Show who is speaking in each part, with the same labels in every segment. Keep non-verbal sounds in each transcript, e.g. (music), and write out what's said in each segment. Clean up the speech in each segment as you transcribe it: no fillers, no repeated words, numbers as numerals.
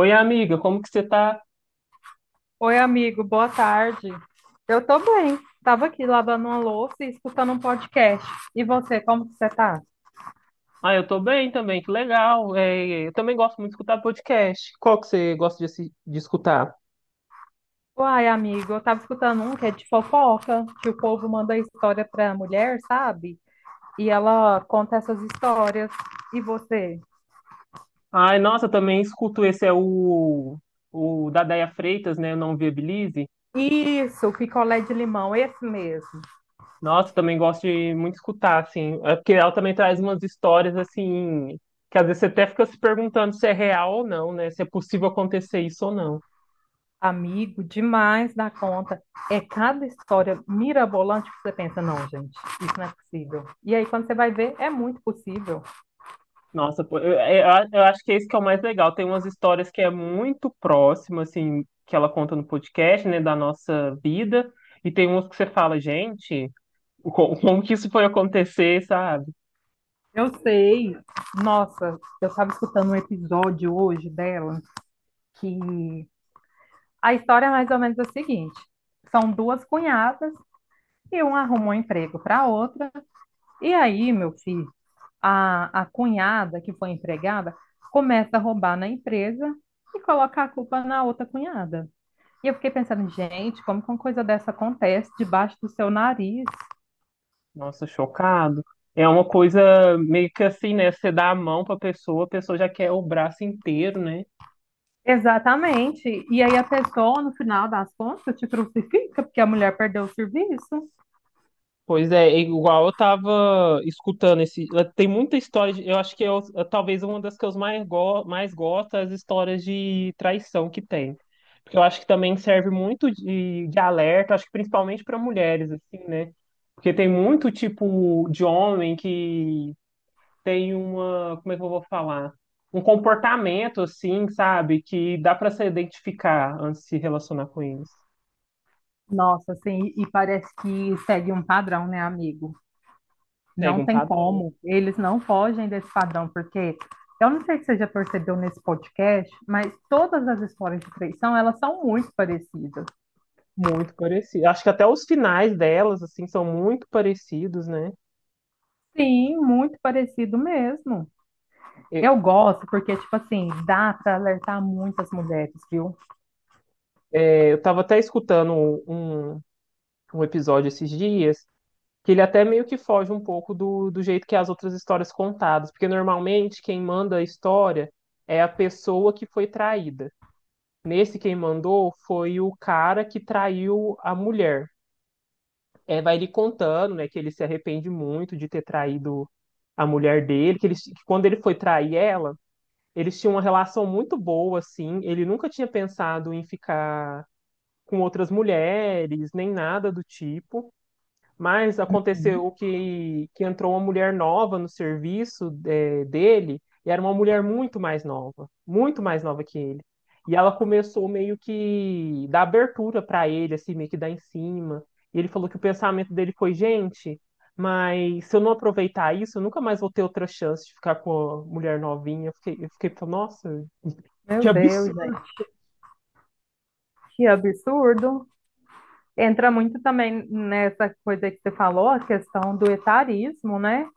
Speaker 1: Oi, amiga, como que você tá?
Speaker 2: Oi, amigo, boa tarde. Eu tô bem. Tava aqui lavando uma louça e escutando um podcast. E você, como que você tá?
Speaker 1: Ah, eu tô bem também, que legal. É, eu também gosto muito de escutar podcast. Qual que você gosta de, de escutar?
Speaker 2: Uai, amigo, eu tava escutando um que é de fofoca, que o povo manda história pra mulher, sabe? E ela conta essas histórias. E você?
Speaker 1: Ai, nossa, eu também escuto. Esse é o da Déia Freitas, né? Não Viabilize.
Speaker 2: Isso, picolé de limão, esse mesmo.
Speaker 1: Nossa, também gosto de muito escutar, assim. É porque ela também traz umas histórias, assim, que às vezes você até fica se perguntando se é real ou não, né? Se é possível acontecer isso ou não.
Speaker 2: Amigo, demais da conta. É cada história mirabolante que você pensa, não, gente, isso não é possível. E aí, quando você vai ver, é muito possível.
Speaker 1: Nossa, pô, eu acho que é isso que é o mais legal. Tem umas histórias que é muito próximo, assim, que ela conta no podcast, né, da nossa vida, e tem umas que você fala, gente, (laughs) como que isso foi acontecer, sabe?
Speaker 2: Eu sei. Nossa, eu estava escutando um episódio hoje dela que a história é mais ou menos a seguinte: são duas cunhadas e uma arrumou um emprego para a outra. E aí, meu filho, a cunhada que foi empregada começa a roubar na empresa e coloca a culpa na outra cunhada. E eu fiquei pensando, gente, como que uma coisa dessa acontece debaixo do seu nariz?
Speaker 1: Nossa, chocado. É uma coisa meio que assim, né, você dá a mão pra pessoa, a pessoa já quer o braço inteiro, né?
Speaker 2: Exatamente. E aí a pessoa, no final das contas, te crucifica porque a mulher perdeu o serviço.
Speaker 1: Pois é, é igual eu tava escutando esse. Tem muita história de. Eu acho que talvez uma das que eu mais gosto é as histórias de traição que tem. Porque eu acho que também serve muito de alerta, acho que principalmente para mulheres, assim, né? Porque tem muito tipo de homem que tem uma. Como é que eu vou falar? Um comportamento, assim, sabe? Que dá para se identificar antes de se relacionar com eles.
Speaker 2: Nossa, assim, e parece que segue um padrão, né, amigo?
Speaker 1: Segue
Speaker 2: Não
Speaker 1: um
Speaker 2: tem
Speaker 1: padrão.
Speaker 2: como. Eles não fogem desse padrão, porque eu não sei se você já percebeu nesse podcast, mas todas as histórias de traição, elas são muito parecidas.
Speaker 1: Muito parecido. Acho que até os finais delas, assim, são muito parecidos, né?
Speaker 2: Sim, muito parecido mesmo.
Speaker 1: E-
Speaker 2: Eu gosto porque, tipo assim, dá para alertar muitas mulheres, viu?
Speaker 1: eu tava até escutando um, um episódio esses dias, que ele até meio que foge um pouco do jeito que as outras histórias contadas, porque normalmente quem manda a história é a pessoa que foi traída. Nesse quem mandou foi o cara que traiu a mulher. É, vai ele contando, né, que ele se arrepende muito de ter traído a mulher dele, que ele, que quando ele foi trair ela. Eles tinham uma relação muito boa, assim. Ele nunca tinha pensado em ficar com outras mulheres, nem nada do tipo. Mas aconteceu
Speaker 2: Uhum.
Speaker 1: que entrou uma mulher nova no serviço dele, e era uma mulher muito mais nova que ele. E ela começou meio que dar abertura para ele, assim, meio que dar em cima. E ele falou que o pensamento dele foi, gente, mas se eu não aproveitar isso, eu nunca mais vou ter outra chance de ficar com a mulher novinha. Eu fiquei falando, nossa, que
Speaker 2: Meu Deus,
Speaker 1: absurdo.
Speaker 2: gente, que absurdo. Entra muito também nessa coisa que você falou, a questão do etarismo, né?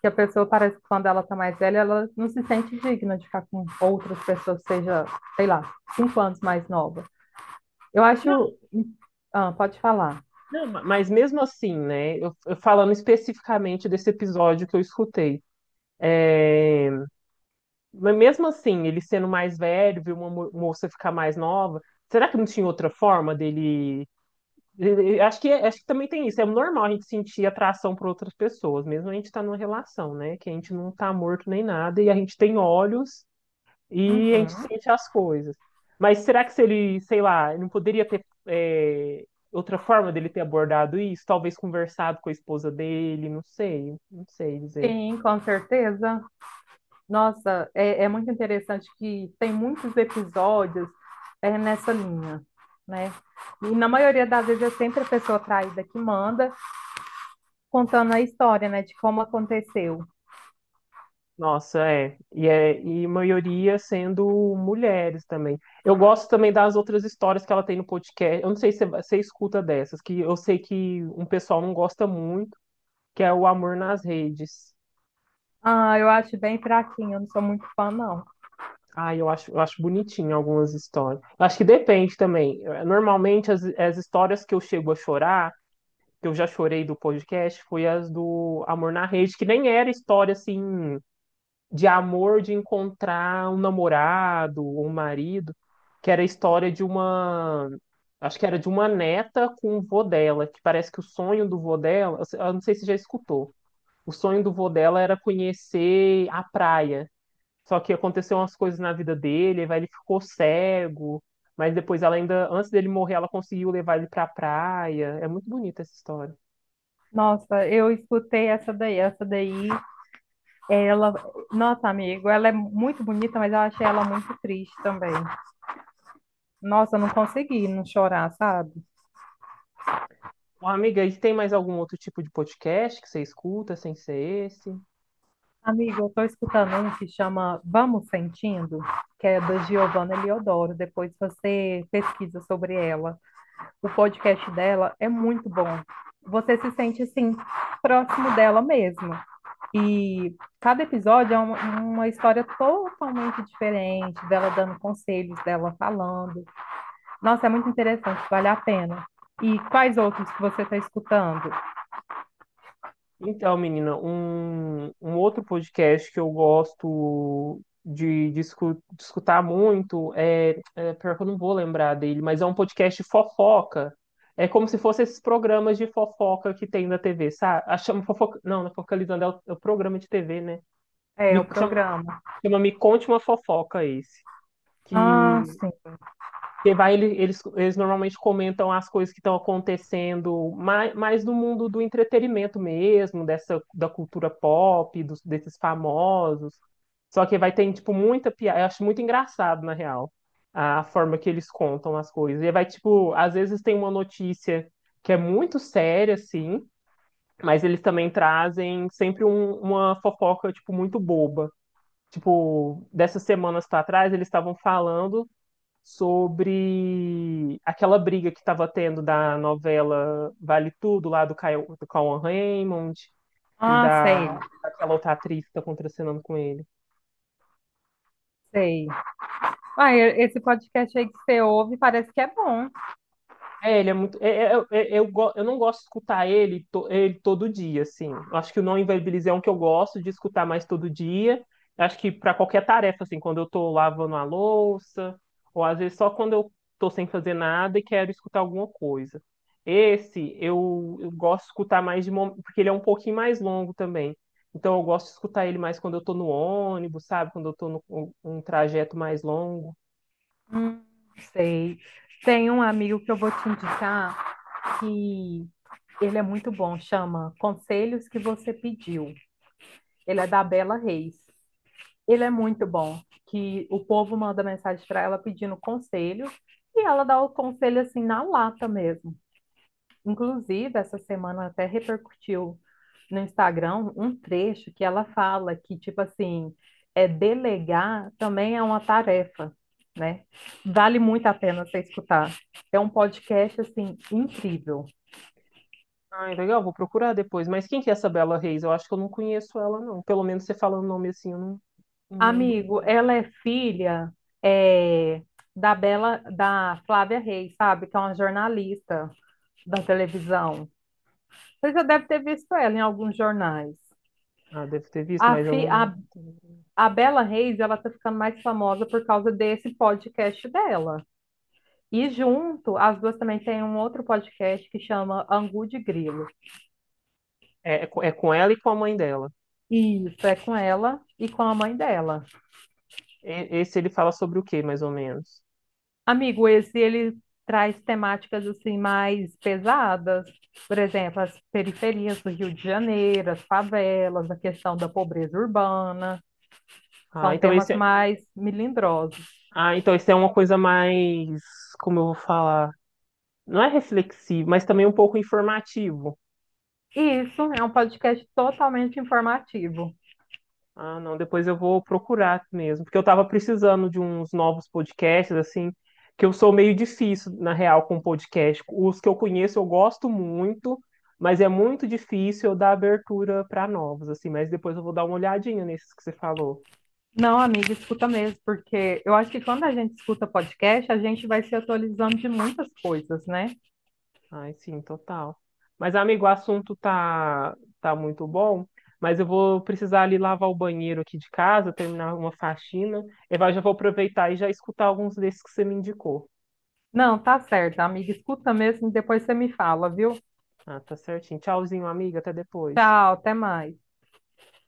Speaker 2: Que a pessoa parece que quando ela tá mais velha, ela não se sente digna de ficar com outras pessoas, seja, sei lá, 5 anos mais nova. Eu
Speaker 1: Não,
Speaker 2: acho. Ah, pode falar.
Speaker 1: não, mas mesmo assim, né? Eu falando especificamente desse episódio que eu escutei. é, mas mesmo assim, ele sendo mais velho, viu uma moça ficar mais nova, será que não tinha outra forma dele? Acho que, acho que também tem isso. É normal a gente sentir atração por outras pessoas, mesmo a gente tá numa relação, né? Que a gente não tá morto nem nada e a gente tem olhos. E a gente
Speaker 2: Uhum.
Speaker 1: sente as coisas. Mas será que se ele, sei lá, não poderia ter outra forma dele ter abordado isso? Talvez conversado com a esposa dele, não sei, não sei dizer.
Speaker 2: Sim, com certeza. Nossa, é muito interessante que tem muitos episódios nessa linha, né? E na maioria das vezes é sempre a pessoa traída que manda, contando a história, né, de como aconteceu.
Speaker 1: Nossa, é. E maioria sendo mulheres também. Eu gosto também das outras histórias que ela tem no podcast. Eu não sei se você escuta dessas, que eu sei que um pessoal não gosta muito, que é o Amor nas Redes.
Speaker 2: Ah, eu acho bem fraquinho, eu não sou muito fã, não.
Speaker 1: Ah, eu acho bonitinho algumas histórias. Acho que depende também. Normalmente, as histórias que eu chego a chorar, que eu já chorei do podcast, foi as do Amor na Rede, que nem era história, assim, de amor de encontrar um namorado ou um marido, que era a história de uma... Acho que era de uma neta com o vô dela, que parece que o sonho do vô dela... Eu não sei se você já escutou. O sonho do vô dela era conhecer a praia. Só que aconteceu umas coisas na vida dele, aí ele ficou cego, mas depois ela ainda, antes dele morrer, ela conseguiu levar ele pra praia. É muito bonita essa história.
Speaker 2: Nossa, eu escutei essa daí, ela, nossa, amigo, ela é muito bonita, mas eu achei ela muito triste também. Nossa, eu não consegui não chorar, sabe?
Speaker 1: Ô, amiga, e tem mais algum outro tipo de podcast que você escuta sem ser esse?
Speaker 2: Amigo, eu tô escutando um que chama Vamos Sentindo, que é da Giovanna Eliodoro, depois você pesquisa sobre ela. O podcast dela é muito bom. Você se sente, assim, próximo dela mesmo. E cada episódio é uma história totalmente diferente, dela dando conselhos, dela falando. Nossa, é muito interessante, vale a pena. E quais outros que você está escutando?
Speaker 1: Então, menina, um outro podcast que eu gosto de escutar muito Pior que eu não vou lembrar dele, mas é um podcast de fofoca. É como se fosse esses programas de fofoca que tem na TV, sabe? Ah, chama fofoca. Não, não é focalizando, é é o programa de TV, né?
Speaker 2: É,
Speaker 1: Me,
Speaker 2: o
Speaker 1: chama,
Speaker 2: programa.
Speaker 1: Chama Me Conte uma Fofoca esse.
Speaker 2: Ah,
Speaker 1: Que
Speaker 2: sim.
Speaker 1: Porque vai, eles normalmente comentam as coisas que estão acontecendo mais no mundo do entretenimento mesmo, dessa da cultura pop, desses famosos. Só que vai ter, tipo, muita piada. Eu acho muito engraçado, na real, a forma que eles contam as coisas. E vai, tipo, às vezes tem uma notícia que é muito séria, assim, mas eles também trazem sempre uma fofoca, tipo, muito boba. Tipo, dessas semanas para trás, eles estavam falando sobre aquela briga que estava tendo da novela Vale Tudo, lá do, Caio, do Cauan Raymond, e
Speaker 2: Ah, sei,
Speaker 1: daquela outra atriz que está contracenando com ele.
Speaker 2: sei. Ah, esse podcast aí que você ouve parece que é bom.
Speaker 1: É, ele é muito. Eu não gosto de escutar ele, ele todo dia, assim. Eu acho que o Não Inviabilize é um que eu gosto de escutar mais todo dia. Eu acho que para qualquer tarefa, assim, quando eu tô lavando a louça, ou às vezes só quando eu tô sem fazer nada e quero escutar alguma coisa. Eu gosto de escutar mais de momento, porque ele é um pouquinho mais longo também. Então eu gosto de escutar ele mais quando eu tô no ônibus, sabe? Quando eu tô no um trajeto mais longo.
Speaker 2: Hum, sei. Tem um amigo que eu vou te indicar que ele é muito bom, chama Conselhos que Você Pediu. Ele é da Bela Reis. Ele é muito bom, que o povo manda mensagem para ela pedindo conselho e ela dá o conselho assim na lata mesmo. Inclusive, essa semana até repercutiu no Instagram um trecho que ela fala que tipo assim, é delegar também é uma tarefa, né? Vale muito a pena você escutar. É um podcast assim incrível.
Speaker 1: Ai, legal, vou procurar depois. Mas quem que é essa Bela Reis? Eu acho que eu não conheço ela, não. Pelo menos você falando o nome assim, eu não, não lembro
Speaker 2: Amigo,
Speaker 1: dela.
Speaker 2: ela é filha é, da Flávia Reis, sabe? Que é uma jornalista da televisão. Você já deve ter visto ela em alguns jornais.
Speaker 1: Ah, deve ter visto,
Speaker 2: A,
Speaker 1: mas eu
Speaker 2: fi,
Speaker 1: não.
Speaker 2: a, a Bela Reis, ela tá ficando mais famosa por causa desse podcast dela. E junto, as duas também têm um outro podcast que chama Angu de Grilo.
Speaker 1: É com ela e com a mãe dela.
Speaker 2: E isso, é com ela e com a mãe dela.
Speaker 1: Esse ele fala sobre o quê, mais ou menos?
Speaker 2: Amigo, esse ele traz temáticas assim mais pesadas, por exemplo, as periferias do Rio de Janeiro, as favelas, a questão da pobreza urbana,
Speaker 1: Ah,
Speaker 2: são
Speaker 1: então esse,
Speaker 2: temas
Speaker 1: é-
Speaker 2: mais melindrosos.
Speaker 1: ah, então esse é uma coisa mais, como eu vou falar, não é reflexivo, mas também um pouco informativo.
Speaker 2: Isso é um podcast totalmente informativo.
Speaker 1: Ah, não, depois eu vou procurar mesmo, porque eu tava precisando de uns novos podcasts, assim, que eu sou meio difícil, na real, com podcast. Os que eu conheço eu gosto muito, mas é muito difícil eu dar abertura para novos, assim, mas depois eu vou dar uma olhadinha nesses que você falou.
Speaker 2: Não, amiga, escuta mesmo, porque eu acho que quando a gente escuta podcast, a gente vai se atualizando de muitas coisas, né?
Speaker 1: Ai, sim, total. Mas, amigo, o assunto tá muito bom, mas eu vou precisar ali lavar o banheiro aqui de casa, terminar uma faxina, e vai, já vou aproveitar e já escutar alguns desses que você me indicou.
Speaker 2: Não, tá certo, amiga, escuta mesmo, e depois você me fala, viu?
Speaker 1: Ah, tá certinho. Tchauzinho, amiga. Até depois.
Speaker 2: Tchau, até mais.